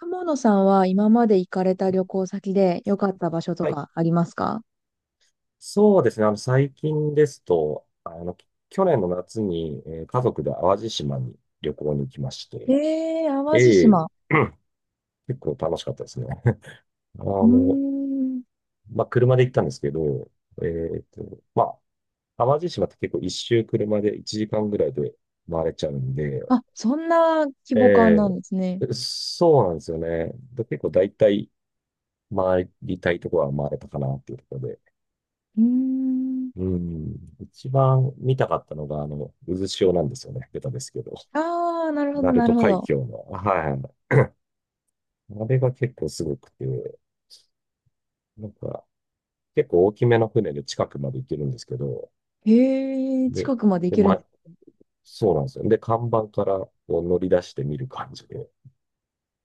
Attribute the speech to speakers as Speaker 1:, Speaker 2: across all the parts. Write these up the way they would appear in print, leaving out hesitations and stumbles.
Speaker 1: 友野さんは今まで行かれた旅行先で良かった場所と
Speaker 2: はい。
Speaker 1: かありますか？
Speaker 2: そうですね。最近ですと、去年の夏に、家族で淡路島に旅行に行きまして、
Speaker 1: 淡
Speaker 2: え
Speaker 1: 路
Speaker 2: え。
Speaker 1: 島。
Speaker 2: 結構楽しかったですね。あ
Speaker 1: うー
Speaker 2: の、
Speaker 1: ん。
Speaker 2: まあ、車で行ったんですけど、まあ、淡路島って結構一周車で1時間ぐらいで回れちゃうんで、
Speaker 1: あ、そんな規模感
Speaker 2: え
Speaker 1: なんですね。
Speaker 2: え、そうなんですよね。で、結構大体回りたいところは回れたかなっていうところ。
Speaker 1: うーん。
Speaker 2: うん。一番見たかったのが、渦潮なんですよね。ベタですけど。
Speaker 1: ああ、なるほど、
Speaker 2: 鳴
Speaker 1: なる
Speaker 2: 門
Speaker 1: ほ
Speaker 2: 海
Speaker 1: ど。
Speaker 2: 峡の。はい。あれが結構すごくて、なんか、結構大きめの船で近くまで行けるんですけど、
Speaker 1: へえ、
Speaker 2: で、
Speaker 1: 近くまで行
Speaker 2: で、
Speaker 1: けるんで
Speaker 2: ま、
Speaker 1: す
Speaker 2: そうなんですよ。で、看板からこう乗り出して見る感じで、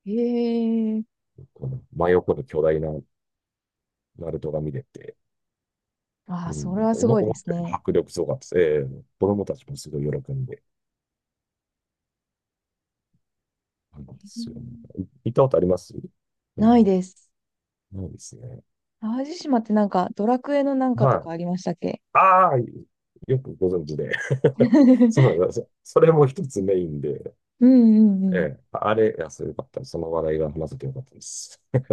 Speaker 1: ね。へえ。
Speaker 2: この真横の巨大な鳴門が見れて、
Speaker 1: あ
Speaker 2: う
Speaker 1: あ、それ
Speaker 2: ん、
Speaker 1: はすごいで
Speaker 2: 思っ
Speaker 1: す
Speaker 2: たより
Speaker 1: ね。
Speaker 2: 迫力すごかったです。ええ、子供たちもすごい喜んで、なんで
Speaker 1: うん。
Speaker 2: すよね。行ったことあります？う
Speaker 1: ない
Speaker 2: ん。
Speaker 1: です。
Speaker 2: ないですね。
Speaker 1: 淡路島ってなんか、ドラクエのなんかと
Speaker 2: は
Speaker 1: か
Speaker 2: い。
Speaker 1: ありましたっけ？
Speaker 2: ああ、よくご存知で。そうなんですよ。それも一つメインで、
Speaker 1: うんうん
Speaker 2: え
Speaker 1: うん。
Speaker 2: え、あれ、いや、そうよかった。その話題が話せてよかったです。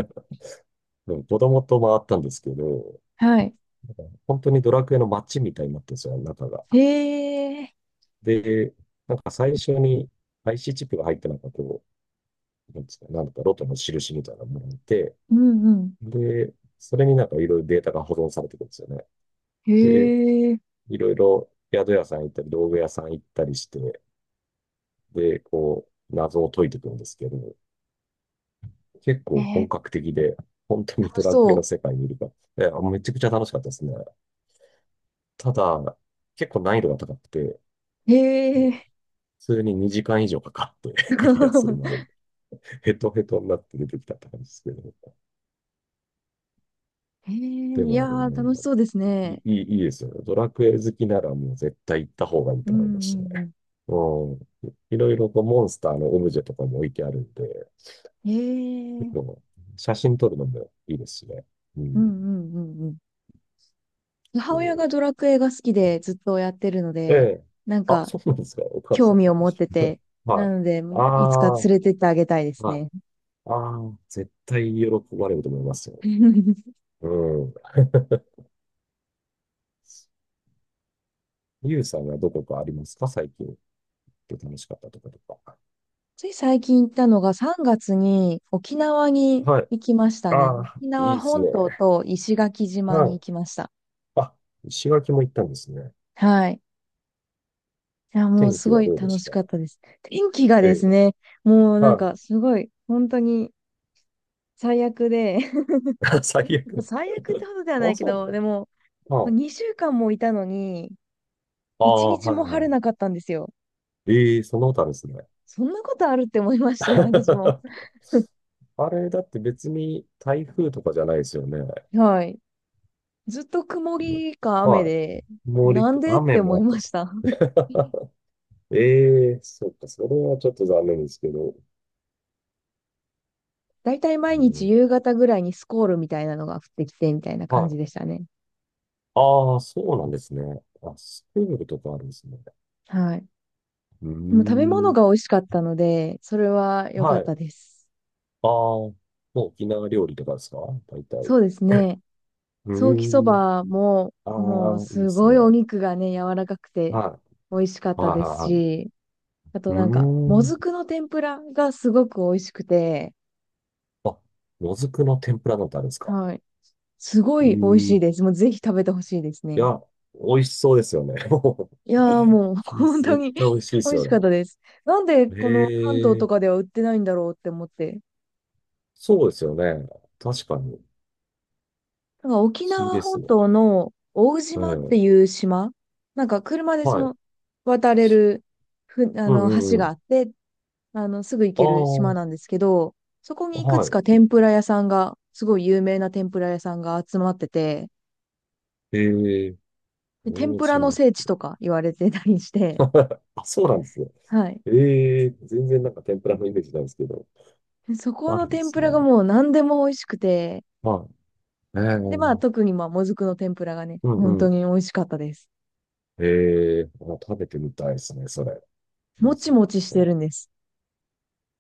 Speaker 2: でも子供と回ったんですけど、
Speaker 1: はい。
Speaker 2: なんか本当にドラクエの街みたいになってるんですよ、中が。
Speaker 1: へえ。
Speaker 2: で、なんか最初に IC チップが入ってなんかこう、なんですか、なんだかロトの印みたいなものがいて、
Speaker 1: うんうん。
Speaker 2: で、それになんかいろいろデータが保存されてくるんですよね。
Speaker 1: へ
Speaker 2: で、
Speaker 1: え。
Speaker 2: いろいろ宿屋さん行ったり、道具屋さん行ったりして、で、こう、謎を解いていくんですけど、結構本
Speaker 1: え、
Speaker 2: 格的で、本当に
Speaker 1: 楽
Speaker 2: ド
Speaker 1: し
Speaker 2: ラクエの
Speaker 1: そ
Speaker 2: 世界にいるから、いや、めちゃくちゃ楽しかったですね。ただ、結構難易度が高くて、
Speaker 1: う。へえ。
Speaker 2: 普通に2時間以上かかって クリアするまでに、ヘトヘトになって出てきたって感じですけど。
Speaker 1: へえ、
Speaker 2: で
Speaker 1: い
Speaker 2: も、
Speaker 1: や
Speaker 2: あれ
Speaker 1: ー、
Speaker 2: ね、
Speaker 1: 楽しそうです
Speaker 2: い
Speaker 1: ね。
Speaker 2: い、いいですよね。ドラクエ好きならもう絶対行った方がいい
Speaker 1: う
Speaker 2: と
Speaker 1: ん
Speaker 2: 思いましたね。
Speaker 1: うんう
Speaker 2: うん。いろいろこうモンスターのオブジェとかも置いてあるんで、
Speaker 1: ん。へ
Speaker 2: 結
Speaker 1: え。
Speaker 2: 構写真撮るのもいいですしね。う
Speaker 1: う
Speaker 2: ん。
Speaker 1: んうんうんうん。母
Speaker 2: そ
Speaker 1: 親
Speaker 2: う、
Speaker 1: がドラクエが好きでずっとやってるの
Speaker 2: え
Speaker 1: で、
Speaker 2: え。
Speaker 1: なん
Speaker 2: あ、
Speaker 1: か
Speaker 2: そうなんですか。お母
Speaker 1: 興
Speaker 2: さん。
Speaker 1: 味を持ってて、
Speaker 2: は
Speaker 1: な
Speaker 2: い。
Speaker 1: ので、
Speaker 2: あ
Speaker 1: いつか
Speaker 2: あ、はい。
Speaker 1: 連れてってあげたいです
Speaker 2: あ
Speaker 1: ね。
Speaker 2: あ、絶対喜ばれると思いますよ。うん。ゆうさんはどこかありますか最近？楽しかったとことか。
Speaker 1: つい最近行ったのが3月に沖縄に
Speaker 2: はい。
Speaker 1: 行きましたね。
Speaker 2: ああ、
Speaker 1: 沖
Speaker 2: いい
Speaker 1: 縄
Speaker 2: です
Speaker 1: 本
Speaker 2: ね。
Speaker 1: 島と石垣島
Speaker 2: は
Speaker 1: に
Speaker 2: い。
Speaker 1: 行きました。
Speaker 2: あ、石垣も行ったんですね。
Speaker 1: はい。いや、もう
Speaker 2: 天
Speaker 1: す
Speaker 2: 気
Speaker 1: ご
Speaker 2: は
Speaker 1: い
Speaker 2: どうで
Speaker 1: 楽
Speaker 2: し
Speaker 1: し
Speaker 2: た？
Speaker 1: かったです。天気が
Speaker 2: え
Speaker 1: です
Speaker 2: え。
Speaker 1: ね、もうなん
Speaker 2: はい。
Speaker 1: かすごい、本当に最悪で、
Speaker 2: 最 悪。
Speaker 1: 最悪ってほどではな
Speaker 2: あ、
Speaker 1: いけ
Speaker 2: そう
Speaker 1: ど、で
Speaker 2: だ。
Speaker 1: も、
Speaker 2: はい。
Speaker 1: 2週間もいたのに、
Speaker 2: あ
Speaker 1: 1
Speaker 2: あ、
Speaker 1: 日
Speaker 2: は
Speaker 1: も
Speaker 2: い
Speaker 1: 晴
Speaker 2: は
Speaker 1: れな
Speaker 2: い。
Speaker 1: かったんですよ。
Speaker 2: ええ、その他ですね。
Speaker 1: そんなことあるって思いましたよ、私も。
Speaker 2: あれ、だって別に台風とかじゃないですよね。
Speaker 1: はい。ずっと曇
Speaker 2: よ
Speaker 1: りか雨
Speaker 2: は
Speaker 1: で、
Speaker 2: い。
Speaker 1: なんでっ
Speaker 2: 雨
Speaker 1: て
Speaker 2: も
Speaker 1: 思
Speaker 2: あ
Speaker 1: い
Speaker 2: ったんで
Speaker 1: まし
Speaker 2: す？
Speaker 1: た。
Speaker 2: ええ、そっか、それはちょっと残念ですけど。
Speaker 1: だいたい
Speaker 2: う
Speaker 1: 毎日
Speaker 2: ん、
Speaker 1: 夕方ぐらいにスコールみたいなのが降ってきて、みたいな感
Speaker 2: は
Speaker 1: じ
Speaker 2: い。
Speaker 1: でしたね。
Speaker 2: ああ、そうなんですね。あ、スペーンとかあるんですね。
Speaker 1: はい。
Speaker 2: うー
Speaker 1: でも食べ物
Speaker 2: ん。
Speaker 1: が美味しかったので、それは良か
Speaker 2: は
Speaker 1: っ
Speaker 2: い。
Speaker 1: たです。
Speaker 2: ああ、もう沖縄料理とかですか、大体？
Speaker 1: そうですね。
Speaker 2: う
Speaker 1: ソーキそ
Speaker 2: ーん。
Speaker 1: ばも、
Speaker 2: あ
Speaker 1: もう
Speaker 2: あ、いいで
Speaker 1: す
Speaker 2: す
Speaker 1: ごいお
Speaker 2: ね。
Speaker 1: 肉がね、柔らかくて
Speaker 2: は
Speaker 1: 美味しかっ
Speaker 2: い。
Speaker 1: た
Speaker 2: はい
Speaker 1: で
Speaker 2: はい
Speaker 1: す
Speaker 2: はい。
Speaker 1: し、あと
Speaker 2: うー
Speaker 1: なんか、も
Speaker 2: ん。
Speaker 1: ずくの天ぷらがすごく美味しくて、
Speaker 2: あ、もずくの天ぷらなんてあるんですか？
Speaker 1: はい。すごい美味しい
Speaker 2: え
Speaker 1: で
Speaker 2: え、
Speaker 1: す。もうぜひ食べてほしいです
Speaker 2: い
Speaker 1: ね。
Speaker 2: や、美味しそうですよね。も
Speaker 1: いやーもう
Speaker 2: う
Speaker 1: 本当
Speaker 2: 絶
Speaker 1: に
Speaker 2: 対美味しいで
Speaker 1: 美
Speaker 2: す
Speaker 1: 味
Speaker 2: よ
Speaker 1: しかっ
Speaker 2: ね。
Speaker 1: たです。なんでこの関東
Speaker 2: へ
Speaker 1: と
Speaker 2: え、
Speaker 1: かでは売ってないんだろうって思って、
Speaker 2: そうですよね。確かに。
Speaker 1: なんか
Speaker 2: 不
Speaker 1: 沖
Speaker 2: 思議
Speaker 1: 縄
Speaker 2: です
Speaker 1: 本
Speaker 2: ね。
Speaker 1: 島の大
Speaker 2: う
Speaker 1: 島っ
Speaker 2: ん。
Speaker 1: ていう島、なんか車でそ
Speaker 2: はい。
Speaker 1: の渡れるあ
Speaker 2: う
Speaker 1: の
Speaker 2: んう
Speaker 1: 橋
Speaker 2: んう
Speaker 1: があ
Speaker 2: ん。
Speaker 1: って、あのすぐ行
Speaker 2: あ
Speaker 1: ける島
Speaker 2: あ、
Speaker 1: なんですけど、そこにいくつか
Speaker 2: は
Speaker 1: 天ぷら屋さんが、すごい有名な天ぷら屋さんが集まってて、
Speaker 2: い。ええ、
Speaker 1: で天
Speaker 2: 大
Speaker 1: ぷらの
Speaker 2: 島。
Speaker 1: 聖地とか言われてたりして、
Speaker 2: あ、そうなんですね。
Speaker 1: はい。
Speaker 2: ええ、全然なんか天ぷらのイメージなんですけど。
Speaker 1: でそこ
Speaker 2: あ
Speaker 1: の
Speaker 2: るんで
Speaker 1: 天
Speaker 2: す
Speaker 1: ぷらが
Speaker 2: ね。
Speaker 1: もう何でも美味しくて、
Speaker 2: はい。ええ、
Speaker 1: で、
Speaker 2: う
Speaker 1: まあ
Speaker 2: ん
Speaker 1: 特にまあもずくの天ぷらがね、
Speaker 2: う
Speaker 1: 本当
Speaker 2: ん。
Speaker 1: に美味しかったです。
Speaker 2: ええ、あ、食べてみたいですね、それ。う
Speaker 1: も
Speaker 2: ん、
Speaker 1: ち
Speaker 2: そっ
Speaker 1: もちしてる
Speaker 2: か。
Speaker 1: んです。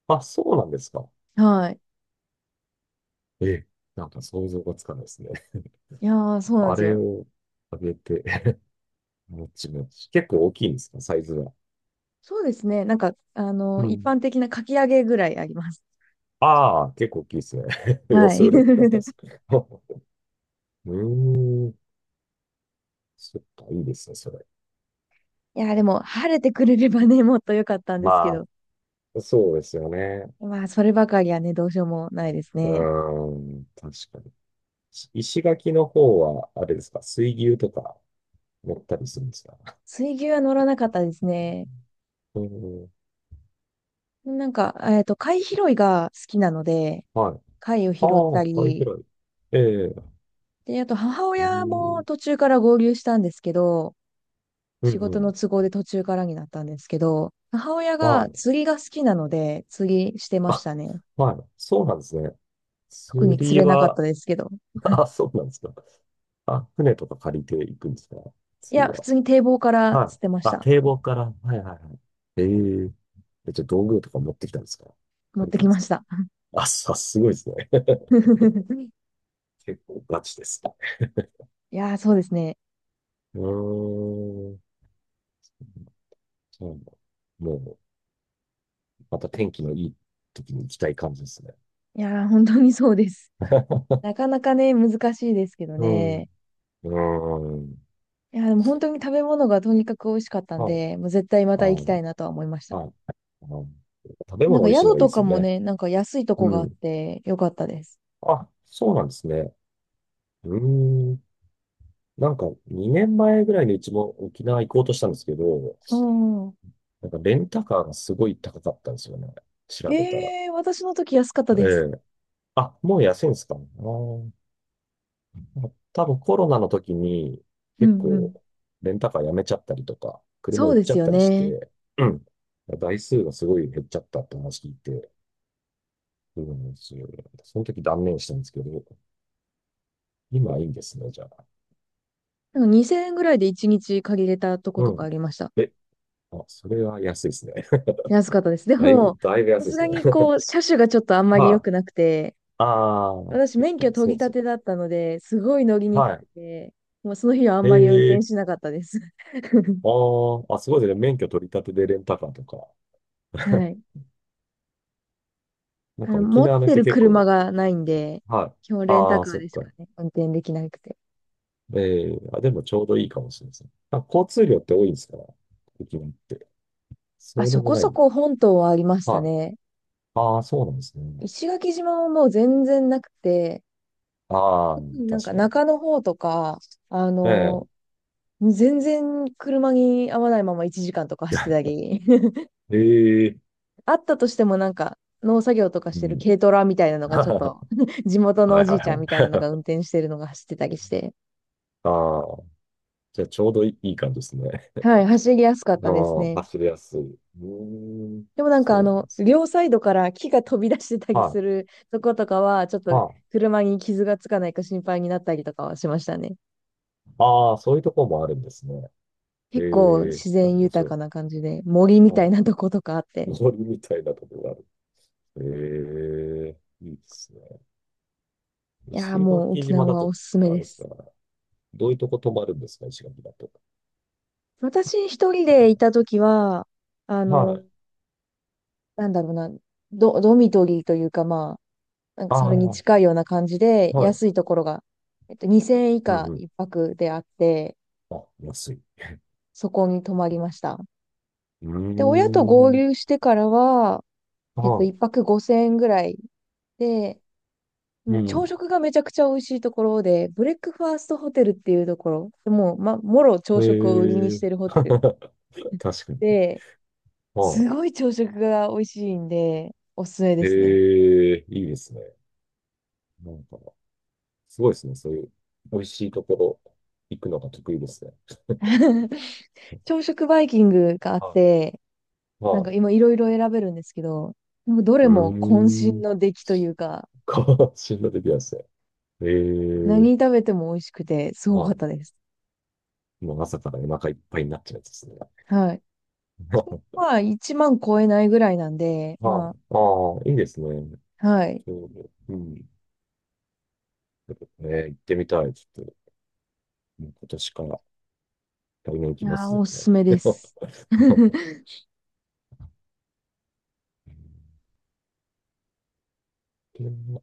Speaker 2: あ、そうなんですか。
Speaker 1: はい。
Speaker 2: ええ、なんか想像がつかないですね。
Speaker 1: いやー、そうなんで
Speaker 2: あ
Speaker 1: す
Speaker 2: れ
Speaker 1: よ。
Speaker 2: をあげて、もちもち。結構大きいんですか、サイズは？
Speaker 1: そうですね。なんか、
Speaker 2: う
Speaker 1: 一
Speaker 2: ん。
Speaker 1: 般的なかき揚げぐらいあります。
Speaker 2: ああ、結構大きいですね。予
Speaker 1: はい。
Speaker 2: 想力だったで すね。うーん。そっか、いいですね、それ。
Speaker 1: いや、でも、晴れてくれればね、もっと良かったんですけ
Speaker 2: ま
Speaker 1: ど。
Speaker 2: あ、そうですよね。
Speaker 1: まあ、そればかりはね、どうしようもないです
Speaker 2: う
Speaker 1: ね。
Speaker 2: ーん、確かに。石垣の方は、あれですか、水牛とか乗ったりするんですか？
Speaker 1: 水牛は乗らなかったですね。
Speaker 2: うーん、
Speaker 1: なんか、貝拾いが好きなので、
Speaker 2: はい。
Speaker 1: 貝を
Speaker 2: あ
Speaker 1: 拾った
Speaker 2: あ、貝拾
Speaker 1: り、
Speaker 2: い。ええ、う
Speaker 1: で、あと、母
Speaker 2: ー
Speaker 1: 親も
Speaker 2: ん、
Speaker 1: 途中から合流したんですけど、
Speaker 2: うん、
Speaker 1: 仕
Speaker 2: う
Speaker 1: 事の
Speaker 2: ん。
Speaker 1: 都合で途中からになったんですけど、母親
Speaker 2: は
Speaker 1: が
Speaker 2: い。
Speaker 1: 釣りが好きなので、釣りしてまし
Speaker 2: あ、
Speaker 1: たね。
Speaker 2: はい。そうなんですね。
Speaker 1: 特
Speaker 2: 釣
Speaker 1: に釣
Speaker 2: り
Speaker 1: れなかった
Speaker 2: は、
Speaker 1: ですけど。
Speaker 2: あ、そうなんですか。あ、船とか借りていくんですか
Speaker 1: い
Speaker 2: 次
Speaker 1: や、普
Speaker 2: は？
Speaker 1: 通に堤防から
Speaker 2: は
Speaker 1: 捨
Speaker 2: い。
Speaker 1: てまし
Speaker 2: あ、
Speaker 1: た。
Speaker 2: 堤防から。はいはいはい。えええ、じゃあ道具とか持ってきたんですか？
Speaker 1: 持っ
Speaker 2: 借り
Speaker 1: て
Speaker 2: たん
Speaker 1: き
Speaker 2: です
Speaker 1: ま
Speaker 2: か？
Speaker 1: した。
Speaker 2: あ、さ、すごいですね。結構ガチですね。
Speaker 1: いやー、そうですね。
Speaker 2: うーん。そうなんだ。もう、また天気のいい時に行きたい感じですね。
Speaker 1: いやー、本当にそうです。な かなかね、難しいですけど
Speaker 2: うん。う
Speaker 1: ね。
Speaker 2: ーん。
Speaker 1: いやー、でも本当に食べ物がとにかく美味しかったん
Speaker 2: はい。
Speaker 1: で、もう絶対ま
Speaker 2: あ
Speaker 1: た行きた
Speaker 2: の、
Speaker 1: いなとは思いました。
Speaker 2: はい。あの、食べ
Speaker 1: なん
Speaker 2: 物
Speaker 1: か
Speaker 2: 美味しいの
Speaker 1: 宿
Speaker 2: がいい
Speaker 1: と
Speaker 2: です
Speaker 1: か
Speaker 2: よ
Speaker 1: も
Speaker 2: ね。
Speaker 1: ね、なんか安いとこ
Speaker 2: う
Speaker 1: があっ
Speaker 2: ん。
Speaker 1: てよかったです。
Speaker 2: あ、そうなんですね。うーん。なんか2年前ぐらいにうちも沖縄行こうとしたんですけど、
Speaker 1: うん。
Speaker 2: なんかレンタカーがすごい高かったんですよね。調べたら。
Speaker 1: 私の時安かった
Speaker 2: え
Speaker 1: です。
Speaker 2: え、あ、もう安いんですかね。あー、多分コロナの時に
Speaker 1: う
Speaker 2: 結
Speaker 1: んう
Speaker 2: 構
Speaker 1: ん。
Speaker 2: レンタカーやめちゃったりとか、車
Speaker 1: そう
Speaker 2: 売っ
Speaker 1: で
Speaker 2: ちゃ
Speaker 1: す
Speaker 2: っ
Speaker 1: よ
Speaker 2: たりし
Speaker 1: ね。
Speaker 2: て、うん。台数がすごい減っちゃったって話聞いて、うん、その時断念したんですけど、今はいいんですね、じゃあ。
Speaker 1: なんか2000円ぐらいで1日借りれたとこ
Speaker 2: う
Speaker 1: とか
Speaker 2: ん。
Speaker 1: ありました。
Speaker 2: え、あ、それは安いですね。
Speaker 1: 安かったです。で
Speaker 2: だいぶ、
Speaker 1: も、
Speaker 2: だいぶ
Speaker 1: さ
Speaker 2: 安いで
Speaker 1: す
Speaker 2: す
Speaker 1: がに
Speaker 2: ね。
Speaker 1: こう、車種がちょっとあん まり良
Speaker 2: は
Speaker 1: く
Speaker 2: い。
Speaker 1: なくて、
Speaker 2: ああ、
Speaker 1: 私
Speaker 2: そっ
Speaker 1: 免
Speaker 2: か、
Speaker 1: 許取
Speaker 2: そう
Speaker 1: り
Speaker 2: です
Speaker 1: 立
Speaker 2: よ。
Speaker 1: てだったので、すごい乗りにく
Speaker 2: は
Speaker 1: くて、もうその日はあんまり運転
Speaker 2: い。え
Speaker 1: し
Speaker 2: え、
Speaker 1: なかったです。
Speaker 2: ああ、あ、すごいですね。免許取り立てでレンタカーとか。
Speaker 1: は い。
Speaker 2: なんか沖
Speaker 1: 持っ
Speaker 2: 縄の
Speaker 1: て
Speaker 2: 人
Speaker 1: る
Speaker 2: 結
Speaker 1: 車
Speaker 2: 構、
Speaker 1: がないんで、
Speaker 2: はい。
Speaker 1: 基本レンタ
Speaker 2: ああ、
Speaker 1: カー
Speaker 2: そっ
Speaker 1: でし
Speaker 2: か。
Speaker 1: かね、運転できなくて。
Speaker 2: ええ、あ、でもちょうどいいかもしれません。あ、交通量って多いんですから、沖縄って。
Speaker 1: あ、
Speaker 2: そうで
Speaker 1: そ
Speaker 2: も
Speaker 1: こ
Speaker 2: な
Speaker 1: そ
Speaker 2: い？
Speaker 1: こ本島はありました
Speaker 2: はい。
Speaker 1: ね。
Speaker 2: ああ、そうなんですね。
Speaker 1: 石垣島はもう全然なくて、
Speaker 2: ああ、
Speaker 1: 特になん
Speaker 2: 確
Speaker 1: か
Speaker 2: かに。
Speaker 1: 中の方とか、あ
Speaker 2: え
Speaker 1: の、全然車に合わないまま1時間とか走ってたり。
Speaker 2: えええ、
Speaker 1: あったとしてもなんか、農作業とかし
Speaker 2: う
Speaker 1: てる
Speaker 2: ん。
Speaker 1: 軽トラみたいなのがちょっ と 地元の
Speaker 2: はいは
Speaker 1: お
Speaker 2: い
Speaker 1: じいち
Speaker 2: は
Speaker 1: ゃんみたいなのが
Speaker 2: い。
Speaker 1: 運 転してるのが走ってたりして、
Speaker 2: ああ、じゃあちょうどいい、いい感じですね。
Speaker 1: はい、走りやすかっ
Speaker 2: あ
Speaker 1: たです
Speaker 2: あ、
Speaker 1: ね。
Speaker 2: 走りやすい。うーん、
Speaker 1: でもなん
Speaker 2: そ
Speaker 1: か
Speaker 2: うなんですね、
Speaker 1: 両サイドから木が飛び出してたり
Speaker 2: は
Speaker 1: す
Speaker 2: い。
Speaker 1: るとことかは、ちょっと
Speaker 2: はい。
Speaker 1: 車に傷がつかないか心配になったりとかはしましたね。
Speaker 2: ああ、そういうところもあるんですね。え
Speaker 1: 結構
Speaker 2: え、
Speaker 1: 自然
Speaker 2: 面
Speaker 1: 豊
Speaker 2: 白
Speaker 1: か
Speaker 2: い。
Speaker 1: な感じで、森み
Speaker 2: う
Speaker 1: たい
Speaker 2: ん。
Speaker 1: なとことかあって。
Speaker 2: 森みたいなところがある。ええ、いいですね。
Speaker 1: いやー
Speaker 2: 石
Speaker 1: もう
Speaker 2: 垣
Speaker 1: 沖
Speaker 2: 島
Speaker 1: 縄
Speaker 2: だ
Speaker 1: は
Speaker 2: と、
Speaker 1: おすすめ
Speaker 2: あれ
Speaker 1: で
Speaker 2: ですか、
Speaker 1: す。
Speaker 2: どういうとこ泊まるんですか、石垣だと？
Speaker 1: 私一人でいたときは、あ
Speaker 2: は
Speaker 1: の、
Speaker 2: い。
Speaker 1: なんだろうな、ドミトリーというかなんか
Speaker 2: あ
Speaker 1: そ
Speaker 2: あ、
Speaker 1: れに
Speaker 2: は
Speaker 1: 近いような感じで、安
Speaker 2: い。
Speaker 1: いところが、2000円以
Speaker 2: うん
Speaker 1: 下
Speaker 2: うん。
Speaker 1: 一泊であって、
Speaker 2: あ、安い。
Speaker 1: そこに泊まりました。
Speaker 2: うー
Speaker 1: で、親と合
Speaker 2: ん。
Speaker 1: 流してからは、
Speaker 2: は
Speaker 1: 一泊5000円ぐらいで、
Speaker 2: い。
Speaker 1: もう
Speaker 2: う
Speaker 1: 朝
Speaker 2: ん。
Speaker 1: 食がめちゃくちゃ美味しいところで、ブレックファーストホテルっていうところ、もう、もろ朝食を売りに
Speaker 2: え
Speaker 1: し
Speaker 2: え、
Speaker 1: てるホテル
Speaker 2: 確かに。
Speaker 1: で、
Speaker 2: は
Speaker 1: すごい朝食が美味しいんで、おすすめ
Speaker 2: い。
Speaker 1: ですね。
Speaker 2: ええ、いいですね。なんか、すごいですね。そういう、美味しいところ、行くのが得意ですね。
Speaker 1: 朝食バイキングがあっ
Speaker 2: は
Speaker 1: て、
Speaker 2: い。
Speaker 1: なん
Speaker 2: は
Speaker 1: か
Speaker 2: い。
Speaker 1: 今いろいろ選べるんですけど、なんかどれ
Speaker 2: うー
Speaker 1: も渾身
Speaker 2: ん。
Speaker 1: の出来というか、
Speaker 2: か、死んだ時はですね。え
Speaker 1: 何
Speaker 2: え、
Speaker 1: 食べても美味しくて、すごかっ
Speaker 2: は
Speaker 1: たです。
Speaker 2: い。もう朝からお腹いっぱいになっちゃうやつですね。
Speaker 1: はい。
Speaker 2: は
Speaker 1: それ
Speaker 2: い。
Speaker 1: まあ、1万超えないぐらいなんで、
Speaker 2: あ
Speaker 1: ま
Speaker 2: あ、いいですね。
Speaker 1: あ、はい。
Speaker 2: ちょうど。うん。行ってみたい。ちょっと、もう今年から、来年行
Speaker 1: い
Speaker 2: きま
Speaker 1: やー、
Speaker 2: す、絶
Speaker 1: おすす
Speaker 2: 対。
Speaker 1: めです。
Speaker 2: うん